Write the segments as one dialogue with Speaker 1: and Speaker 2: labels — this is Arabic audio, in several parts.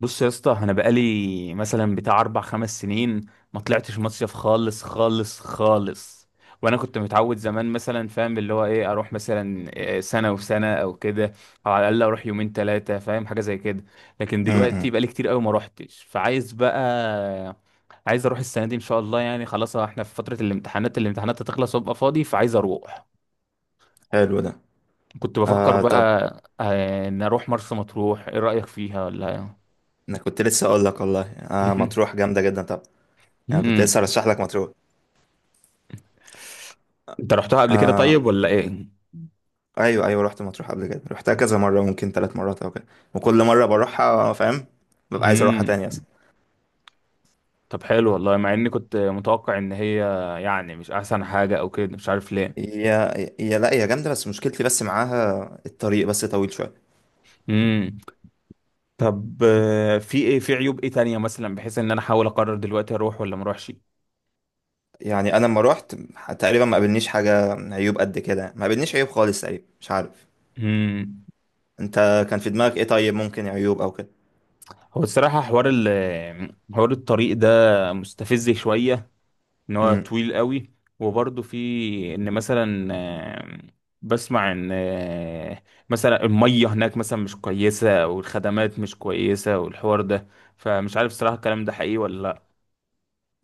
Speaker 1: بص يا اسطى، انا بقالي مثلا بتاع 4 5 سنين ما طلعتش مصيف خالص خالص خالص. وانا كنت متعود زمان مثلا، فاهم اللي هو ايه، اروح مثلا سنه وسنه او كده، او على الاقل اروح 2 3 ايام، فاهم حاجه زي كده. لكن دلوقتي
Speaker 2: امم
Speaker 1: بقالي كتير قوي ما روحتش، فعايز بقى عايز اروح السنه دي ان شاء الله. يعني خلاص، احنا في فتره الامتحانات، الامتحانات هتخلص وابقى فاضي فعايز اروح.
Speaker 2: حلو ده.
Speaker 1: كنت بفكر
Speaker 2: آه،
Speaker 1: بقى
Speaker 2: طب،
Speaker 1: ان اروح مرسى مطروح. ايه رايك فيها ولا؟
Speaker 2: انا كنت لسه اقول لك والله، مطروح جامده جدا. طب، انا كنت
Speaker 1: مم.
Speaker 2: لسه ارشح لك مطروح.
Speaker 1: انت رحتها قبل كده
Speaker 2: آه،
Speaker 1: طيب ولا ايه؟
Speaker 2: ايوه ايوه، رحت مطروح قبل كده، رحتها كذا مره، ممكن 3 مرات او كده. وكل مره بروحها فاهم، ببقى عايز اروحها تاني اصلا.
Speaker 1: امم. طب حلو والله، مع اني كنت متوقع ان هي يعني مش احسن حاجة او كده، مش عارف ليه.
Speaker 2: هي هي لا، هي جامده، بس مشكلتي بس معاها الطريق، بس طويل شويه.
Speaker 1: امم. طب، في ايه؟ في عيوب ايه تانية مثلا، بحيث ان انا احاول اقرر دلوقتي اروح ولا ما اروحش؟
Speaker 2: يعني انا لما روحت، تقريبا ما قابلنيش حاجه عيوب قد كده، ما قابلنيش عيوب خالص تقريبا، مش عارف
Speaker 1: امم.
Speaker 2: انت كان في دماغك ايه. طيب، ممكن عيوب او كده.
Speaker 1: هو الصراحة حوار الطريق ده مستفز شوية، ان هو
Speaker 2: امم.
Speaker 1: طويل قوي. وبرضه في، ان مثلا بسمع ان مثلا المية هناك مثلا مش كويسة، والخدمات مش كويسة، والحوار ده. فمش عارف صراحة الكلام ده حقيقي ولا لا.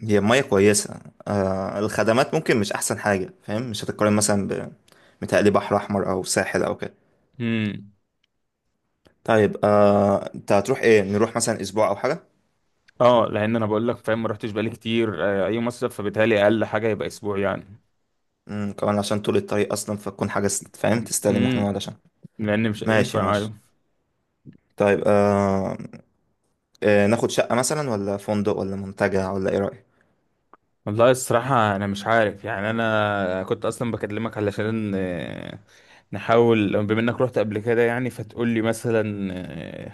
Speaker 2: هي المية كويسة. الخدمات ممكن مش أحسن حاجة فاهم، مش هتتقارن مثلا ب متهيألي، بحر أحمر أو ساحل أو كده.
Speaker 1: امم.
Speaker 2: طيب، أنت هتروح إيه؟ نروح مثلا أسبوع أو حاجة.
Speaker 1: اه، لان انا بقول لك، فاهم، ما رحتش بقالي كتير اي مصيف، فبالتالي اقل حاجة يبقى اسبوع يعني.
Speaker 2: كمان عشان طول الطريق أصلا، فتكون حاجة فاهم، تستاهل إن احنا
Speaker 1: امم.
Speaker 2: نقعد عشان.
Speaker 1: لان مش
Speaker 2: ماشي
Speaker 1: هينفع،
Speaker 2: ماشي.
Speaker 1: أيوه.
Speaker 2: طيب. ناخد شقة مثلا ولا فندق ولا منتجع، ولا إيه رأيك؟
Speaker 1: والله الصراحة أنا مش عارف يعني. أنا كنت أصلا بكلمك علشان نحاول بما إنك رحت قبل كده يعني، فتقول لي مثلا آه،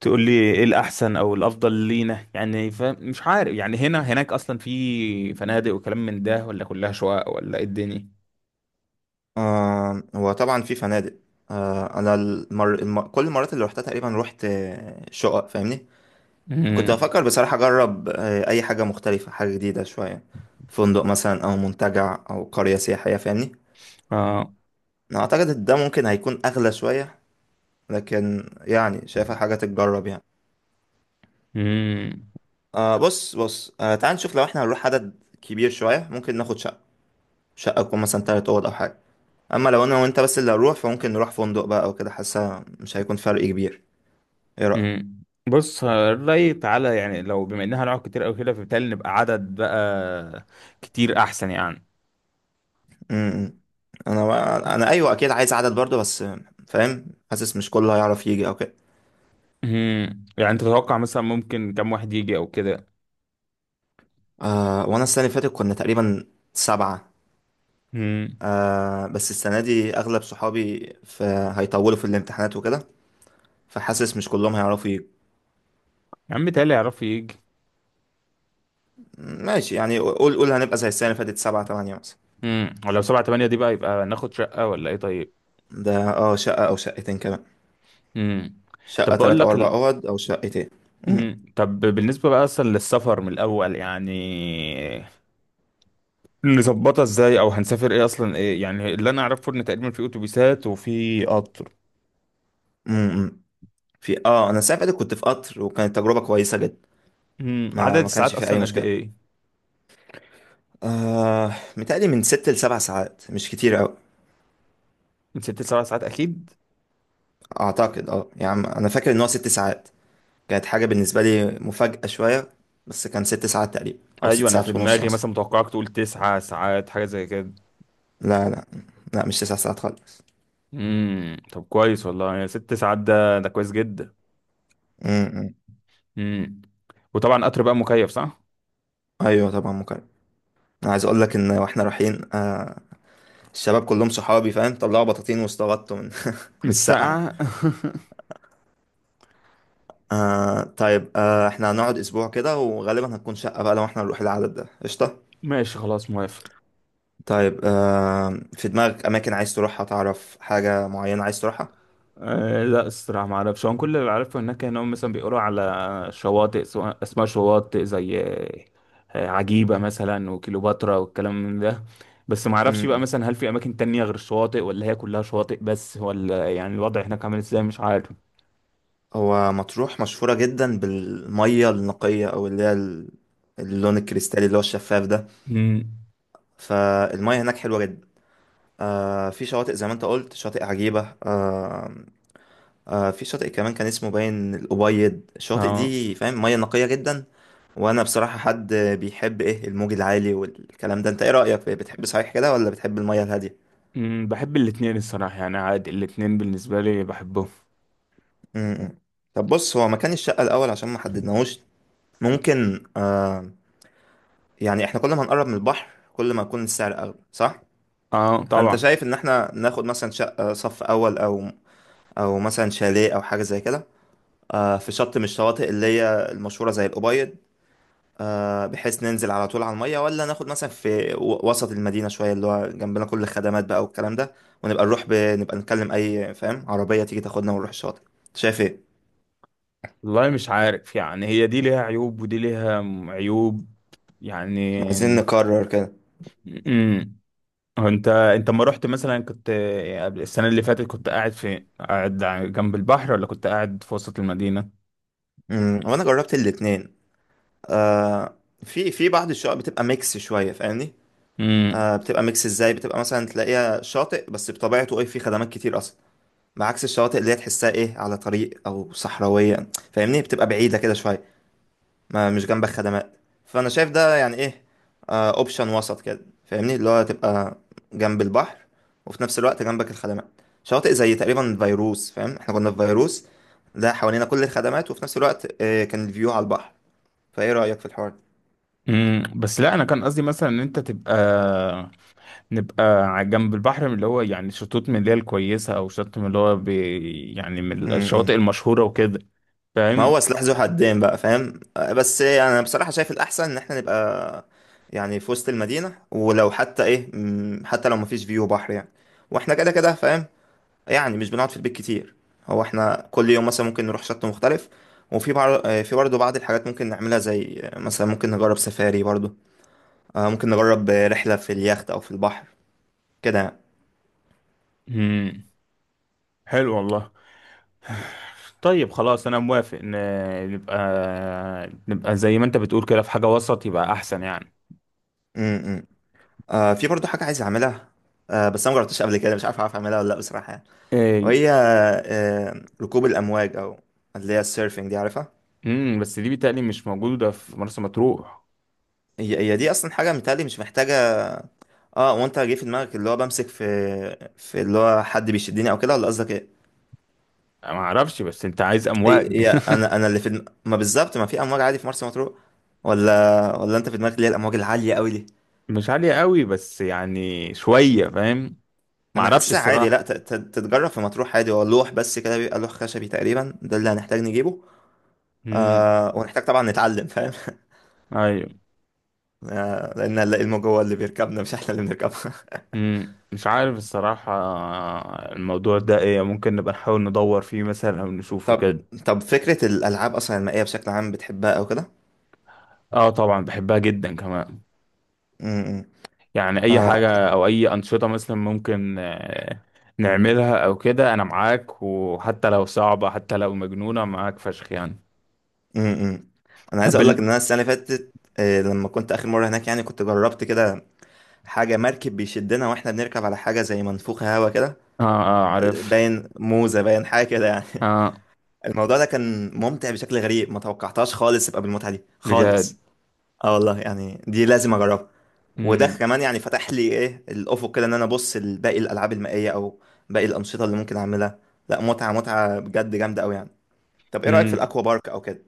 Speaker 1: تقول لي إيه الأحسن أو الأفضل لينا يعني. فمش عارف يعني، هنا هناك أصلا في فنادق وكلام من ده، ولا كلها شقق، ولا إيه الدنيا؟
Speaker 2: آه، هو طبعا في فنادق. آه، أنا كل المرات اللي روحتها تقريبا روحت، شقق فاهمني. كنت
Speaker 1: مم.
Speaker 2: بفكر بصراحة أجرب أي حاجة مختلفة، حاجة جديدة شوية. فندق مثلا أو منتجع أو قرية سياحية، فاهمني.
Speaker 1: آه.
Speaker 2: أنا أعتقد إن ده ممكن هيكون أغلى شوية، لكن يعني شايفها حاجة تتجرب يعني.
Speaker 1: مم.
Speaker 2: بص بص، تعال نشوف. لو إحنا هنروح عدد كبير شوية، ممكن ناخد شقة، شقة تكون مثلا 3 أوض أو حاجة. أما لو أنا وأنت بس اللي هنروح، فممكن نروح فندق بقى أو كده، حاسة مش هيكون فرق كبير. إيه رأيك؟
Speaker 1: مم. بص، الرأي تعالى يعني، لو بما إنها هنقعد كتير أو كده، فبالتالي نبقى عدد بقى كتير أحسن يعني.
Speaker 2: م-م. أنا أيوه، أكيد عايز عدد برضه، بس فاهم، حاسس مش كله هيعرف يجي أو كده.
Speaker 1: مم. يعني انت تتوقع مثلا ممكن كم واحد يجي او كده؟
Speaker 2: آه، وانا السنه اللي فاتت كنا تقريبا 7.
Speaker 1: مم.
Speaker 2: بس السنه دي اغلب صحابي في، هيطولوا في الامتحانات وكده، فحاسس مش كلهم هيعرفوا.
Speaker 1: يا عم تالي يعرفوا يجي.
Speaker 2: ماشي، يعني قول قول هنبقى زي السنه اللي فاتت، 7 8 مثلا.
Speaker 1: مم. ولو 7 8 دي بقى، يبقى ناخد شقة ولا ايه طيب؟
Speaker 2: ده اه، شقه او شقتين كمان.
Speaker 1: مم. طب
Speaker 2: شقه
Speaker 1: بقول
Speaker 2: تلات او
Speaker 1: لك
Speaker 2: اربع اوض او شقتين. مم،
Speaker 1: مم. طب، بالنسبة بقى اصلا للسفر من الاول يعني، نظبطها ازاي؟ او هنسافر ايه اصلا؟ ايه يعني اللي انا اعرفه، ان تقريبا في اتوبيسات وفي قطر.
Speaker 2: مم، مم. في انا السنه اللي فاتت كنت في قطر وكانت تجربه كويسه جدا.
Speaker 1: مم.
Speaker 2: ما
Speaker 1: عدد
Speaker 2: ما
Speaker 1: الساعات
Speaker 2: كانش في اي
Speaker 1: اصلا قد
Speaker 2: مشكله.
Speaker 1: ايه؟
Speaker 2: آه، متهيألي من 6 لـ7 ساعات، مش كتير أوي.
Speaker 1: من ست لسبع ساعات اكيد.
Speaker 2: أعتقد يعني أنا فاكر إن هو 6 ساعات، كانت حاجة بالنسبة لي مفاجأة شوية، بس كان 6 ساعات تقريبا أو
Speaker 1: ايوه،
Speaker 2: ست
Speaker 1: انا في
Speaker 2: ساعات ونص
Speaker 1: دماغي
Speaker 2: مثلا.
Speaker 1: مثلا متوقعك تقول 9 ساعات حاجة زي كده.
Speaker 2: لا لا، لا مش 9 ساعات خالص.
Speaker 1: امم. طب كويس والله، يعني 6 ساعات ده كويس جدا.
Speaker 2: امم.
Speaker 1: امم. وطبعا قطر بقى مكيف صح؟
Speaker 2: أيوة طبعا مكرم. أنا عايز أقول لك إن وإحنا رايحين، الشباب كلهم صحابي فاهم، طلعوا بطاطين واستغطوا من من
Speaker 1: مش
Speaker 2: السقعة يعني.
Speaker 1: ساقعة.
Speaker 2: آه، طيب. إحنا هنقعد أسبوع كده، وغالبا هتكون شقة بقى لو إحنا نروح العدد ده، قشطة.
Speaker 1: ماشي، خلاص موافق.
Speaker 2: طيب، في دماغك أماكن عايز تروحها؟ تعرف حاجة معينة عايز تروحها؟
Speaker 1: أه لا الصراحة ما اعرفش. هو كل اللي عارفه هناك، انهم مثلا بيقولوا على شواطئ، اسماء شواطئ زي عجيبة مثلا، وكليوباترا، والكلام من ده. بس ما اعرفش بقى
Speaker 2: امم
Speaker 1: مثلا، هل في اماكن تانية غير الشواطئ، ولا هي كلها شواطئ بس، ولا يعني الوضع هناك عامل ازاي؟ مش عارف.
Speaker 2: هو مطروح مشهورة جدا بالمية النقية، أو اللي هي اللون الكريستالي اللي هو الشفاف ده.
Speaker 1: امم.
Speaker 2: فالمية هناك حلوة جدا. في شواطئ زي ما انت قلت، شاطئ عجيبة. في شاطئ كمان كان اسمه باين الأبيض. الشواطئ
Speaker 1: اه.
Speaker 2: دي فاهم، مية نقية جدا. وأنا بصراحة، حد بيحب إيه الموج العالي والكلام ده، أنت إيه رأيك؟ بتحب صحيح كده، ولا بتحب المية الهادية؟
Speaker 1: امم. بحب الاتنين الصراحة، يعني عادي، الاتنين بالنسبة لي بحبهم.
Speaker 2: م- م. طب بص، هو مكان الشقة الأول عشان ما حددناهوش، ممكن يعني، احنا كل ما هنقرب من البحر كل ما يكون السعر اغلى صح.
Speaker 1: اه
Speaker 2: فانت
Speaker 1: طبعا.
Speaker 2: شايف ان احنا ناخد مثلا شقة صف اول، او مثلا شاليه او حاجة زي كده، في شط من الشواطئ اللي هي المشهورة زي الأبيض، بحيث ننزل على طول على المية. ولا ناخد مثلا في وسط المدينة شوية، اللي هو جنبنا كل الخدمات بقى والكلام ده، ونبقى نروح نبقى نكلم أي فاهم عربية تيجي تاخدنا ونروح الشاطئ. شايف ايه؟
Speaker 1: والله مش عارف يعني، هي دي ليها عيوب، ودي ليها عيوب يعني.
Speaker 2: عايزين نقرر كده.
Speaker 1: امم. هو انت، ما رحت مثلا، كنت السنة اللي فاتت، كنت قاعد فين؟ قاعد جنب البحر، ولا كنت قاعد في وسط المدينة؟
Speaker 2: وانا جربت الاتنين. آه، في في بعض الشقق بتبقى ميكس شوية فاهمني.
Speaker 1: امم.
Speaker 2: آه، بتبقى ميكس ازاي؟ بتبقى مثلا تلاقيها شاطئ بس بطبيعته ايه، فيه خدمات كتير اصلا، بعكس الشواطئ اللي هي تحسها ايه على طريق او صحراويه فاهمني، بتبقى بعيده كده شويه، ما مش جنبك خدمات. فانا شايف ده يعني ايه، اوبشن وسط كده فاهمني، اللي هو تبقى جنب البحر وفي نفس الوقت جنبك الخدمات. شواطئ زي تقريبا فيروس فاهم، احنا كنا في فيروس ده، حوالينا كل الخدمات وفي نفس الوقت كان الفيو على البحر. فايه رايك في الحوار
Speaker 1: امم. بس لا، انا كان قصدي مثلا ان انت تبقى، نبقى على جنب البحر، من اللي هو يعني شطوط من اللي هي الكويسة، او شط من اللي هو بي، يعني من
Speaker 2: ده؟
Speaker 1: الشواطئ المشهورة وكده.
Speaker 2: ما
Speaker 1: فاهم؟
Speaker 2: هو سلاح ذو حدين بقى فاهم، بس يعني انا بصراحة شايف الأحسن إن احنا نبقى يعني في وسط المدينة. ولو حتى إيه حتى لو مفيش فيو بحر يعني، واحنا كده كده فاهم، يعني مش بنقعد في البيت كتير. هو احنا كل يوم مثلا ممكن نروح شط مختلف. وفي في برضه بعض الحاجات ممكن نعملها، زي مثلا ممكن نجرب سفاري برضه، ممكن نجرب رحلة في اليخت أو في البحر، كده يعني.
Speaker 1: مم. حلو والله. طيب خلاص انا موافق، نبقى، زي ما انت بتقول كده، في حاجة وسط يبقى احسن يعني.
Speaker 2: م -م. في برضه حاجة عايز أعملها، بس أنا مجربتش قبل كده، مش عارف أعرف أعملها ولا لأ بصراحة يعني.
Speaker 1: إيه.
Speaker 2: وهي ركوب الامواج، او اللي هي السيرفنج دي، عارفها؟
Speaker 1: مم. بس دي بيتهيألي مش موجودة في مرسى مطروح.
Speaker 2: هي دي اصلا حاجه متهيألي مش محتاجه. اه، وانت جه في دماغك اللي هو بمسك في، في اللي هو حد بيشدني او كده، ولا قصدك ايه؟
Speaker 1: ما اعرفش، بس انت عايز
Speaker 2: هي
Speaker 1: امواج؟
Speaker 2: هي انا اللي في ما بالظبط، ما في امواج عادي في مرسى مطروح؟ ولا انت في دماغك اللي هي الامواج العاليه قوي دي؟
Speaker 1: مش عالية قوي، بس يعني شوية، فاهم؟ ما
Speaker 2: انا
Speaker 1: اعرفش
Speaker 2: حاسسها عادي، لا
Speaker 1: الصراحة.
Speaker 2: تتجرب في مطروح عادي. هو لوح بس كده، بيبقى لوح خشبي تقريبا ده اللي هنحتاج نجيبه.
Speaker 1: امم.
Speaker 2: آه، ونحتاج طبعا نتعلم فاهم.
Speaker 1: ايوه.
Speaker 2: آه، لان الموج هو اللي بيركبنا، مش احنا اللي بنركبه.
Speaker 1: امم. مش عارف الصراحة الموضوع ده ايه. ممكن نبقى نحاول ندور فيه مثلا، او نشوفه
Speaker 2: طب،
Speaker 1: كده.
Speaker 2: طب فكرة الألعاب أصلا المائية بشكل عام بتحبها أو كده؟
Speaker 1: اه طبعا، بحبها جدا كمان.
Speaker 2: امم.
Speaker 1: يعني اي
Speaker 2: آه.
Speaker 1: حاجة او اي انشطة مثلا ممكن نعملها او كده، انا معاك. وحتى لو صعبة، حتى لو مجنونة، معاك فشخ يعني.
Speaker 2: امم. أنا عايز
Speaker 1: طب
Speaker 2: أقول لك إن أنا السنة اللي فاتت، لما كنت آخر مرة هناك يعني، كنت جربت كده حاجة، مركب بيشدنا وإحنا بنركب على حاجة زي منفوخة هوا كده،
Speaker 1: اه اه عارف.
Speaker 2: باين موزة، باين حاجة كده يعني.
Speaker 1: اه.
Speaker 2: الموضوع ده كان ممتع بشكل غريب، ما توقعتهاش خالص يبقى بالمتعة دي
Speaker 1: بجد.
Speaker 2: خالص. اه والله يعني، دي لازم اجربها. وده
Speaker 1: امم.
Speaker 2: كمان يعني فتح لي ايه الافق كده، ان انا ابص لباقي الالعاب المائيه، او باقي الانشطه اللي ممكن اعملها. لا، متعه متعه بجد، جامده قوي يعني. طب ايه رايك في
Speaker 1: امم.
Speaker 2: الاكوا بارك او كده؟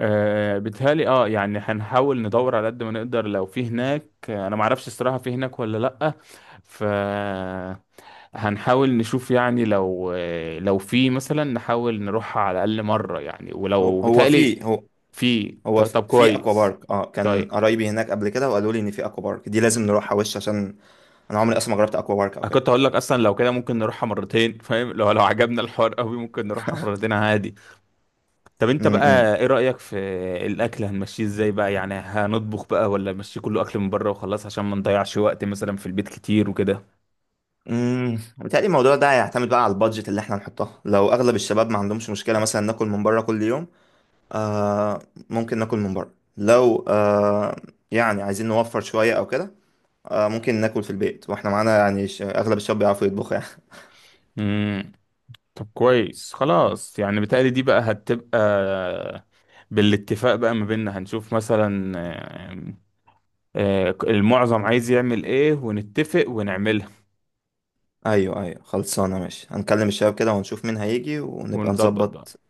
Speaker 1: آه بيتهيألي اه، يعني هنحاول ندور على قد ما نقدر، لو في هناك. انا معرفش الصراحة في هناك ولا لأ. ف هنحاول نشوف يعني، لو لو في مثلا نحاول نروح على الأقل مرة يعني،
Speaker 2: هو
Speaker 1: ولو
Speaker 2: هو
Speaker 1: بيتهيألي
Speaker 2: في هو
Speaker 1: في
Speaker 2: هو
Speaker 1: طب
Speaker 2: في اكوا
Speaker 1: كويس.
Speaker 2: بارك. اه، كان
Speaker 1: طيب
Speaker 2: قرايبي هناك قبل كده وقالوا لي ان في اكوا بارك دي لازم نروحها وش، عشان انا عمري اصلا ما جربت اكوا بارك او
Speaker 1: انا
Speaker 2: كده.
Speaker 1: كنت هقول لك اصلا، لو كده ممكن نروحها مرتين، فاهم؟ لو عجبنا الحوار قوي ممكن نروحها مرتين عادي. طب انت
Speaker 2: امم.
Speaker 1: بقى ايه رأيك في الاكل؟ هنمشيه ازاي بقى يعني؟ هنطبخ بقى، ولا نمشيه كله اكل من بره وخلاص، عشان ما نضيعش وقت مثلا في البيت كتير وكده؟
Speaker 2: امم. بيتهيألي الموضوع ده هيعتمد بقى على البادجت اللي احنا هنحطها. لو اغلب الشباب ما عندهمش مشكله مثلا ناكل من بره كل يوم، آه، ممكن ناكل من بره. لو يعني عايزين نوفر شوية او كده، آه، ممكن ناكل في البيت واحنا معانا يعني اغلب الشباب بيعرفوا يطبخوا يعني.
Speaker 1: امم. طب كويس خلاص. يعني بتهيألي دي بقى هتبقى بالاتفاق بقى ما بيننا. هنشوف مثلا المعظم عايز يعمل ايه، ونتفق ونعملها.
Speaker 2: ايوه ايوه، خلصانة، ماشي هنكلم الشباب كده ونشوف مين هيجي ونبقى
Speaker 1: ونظبط بقى.
Speaker 2: نظبط.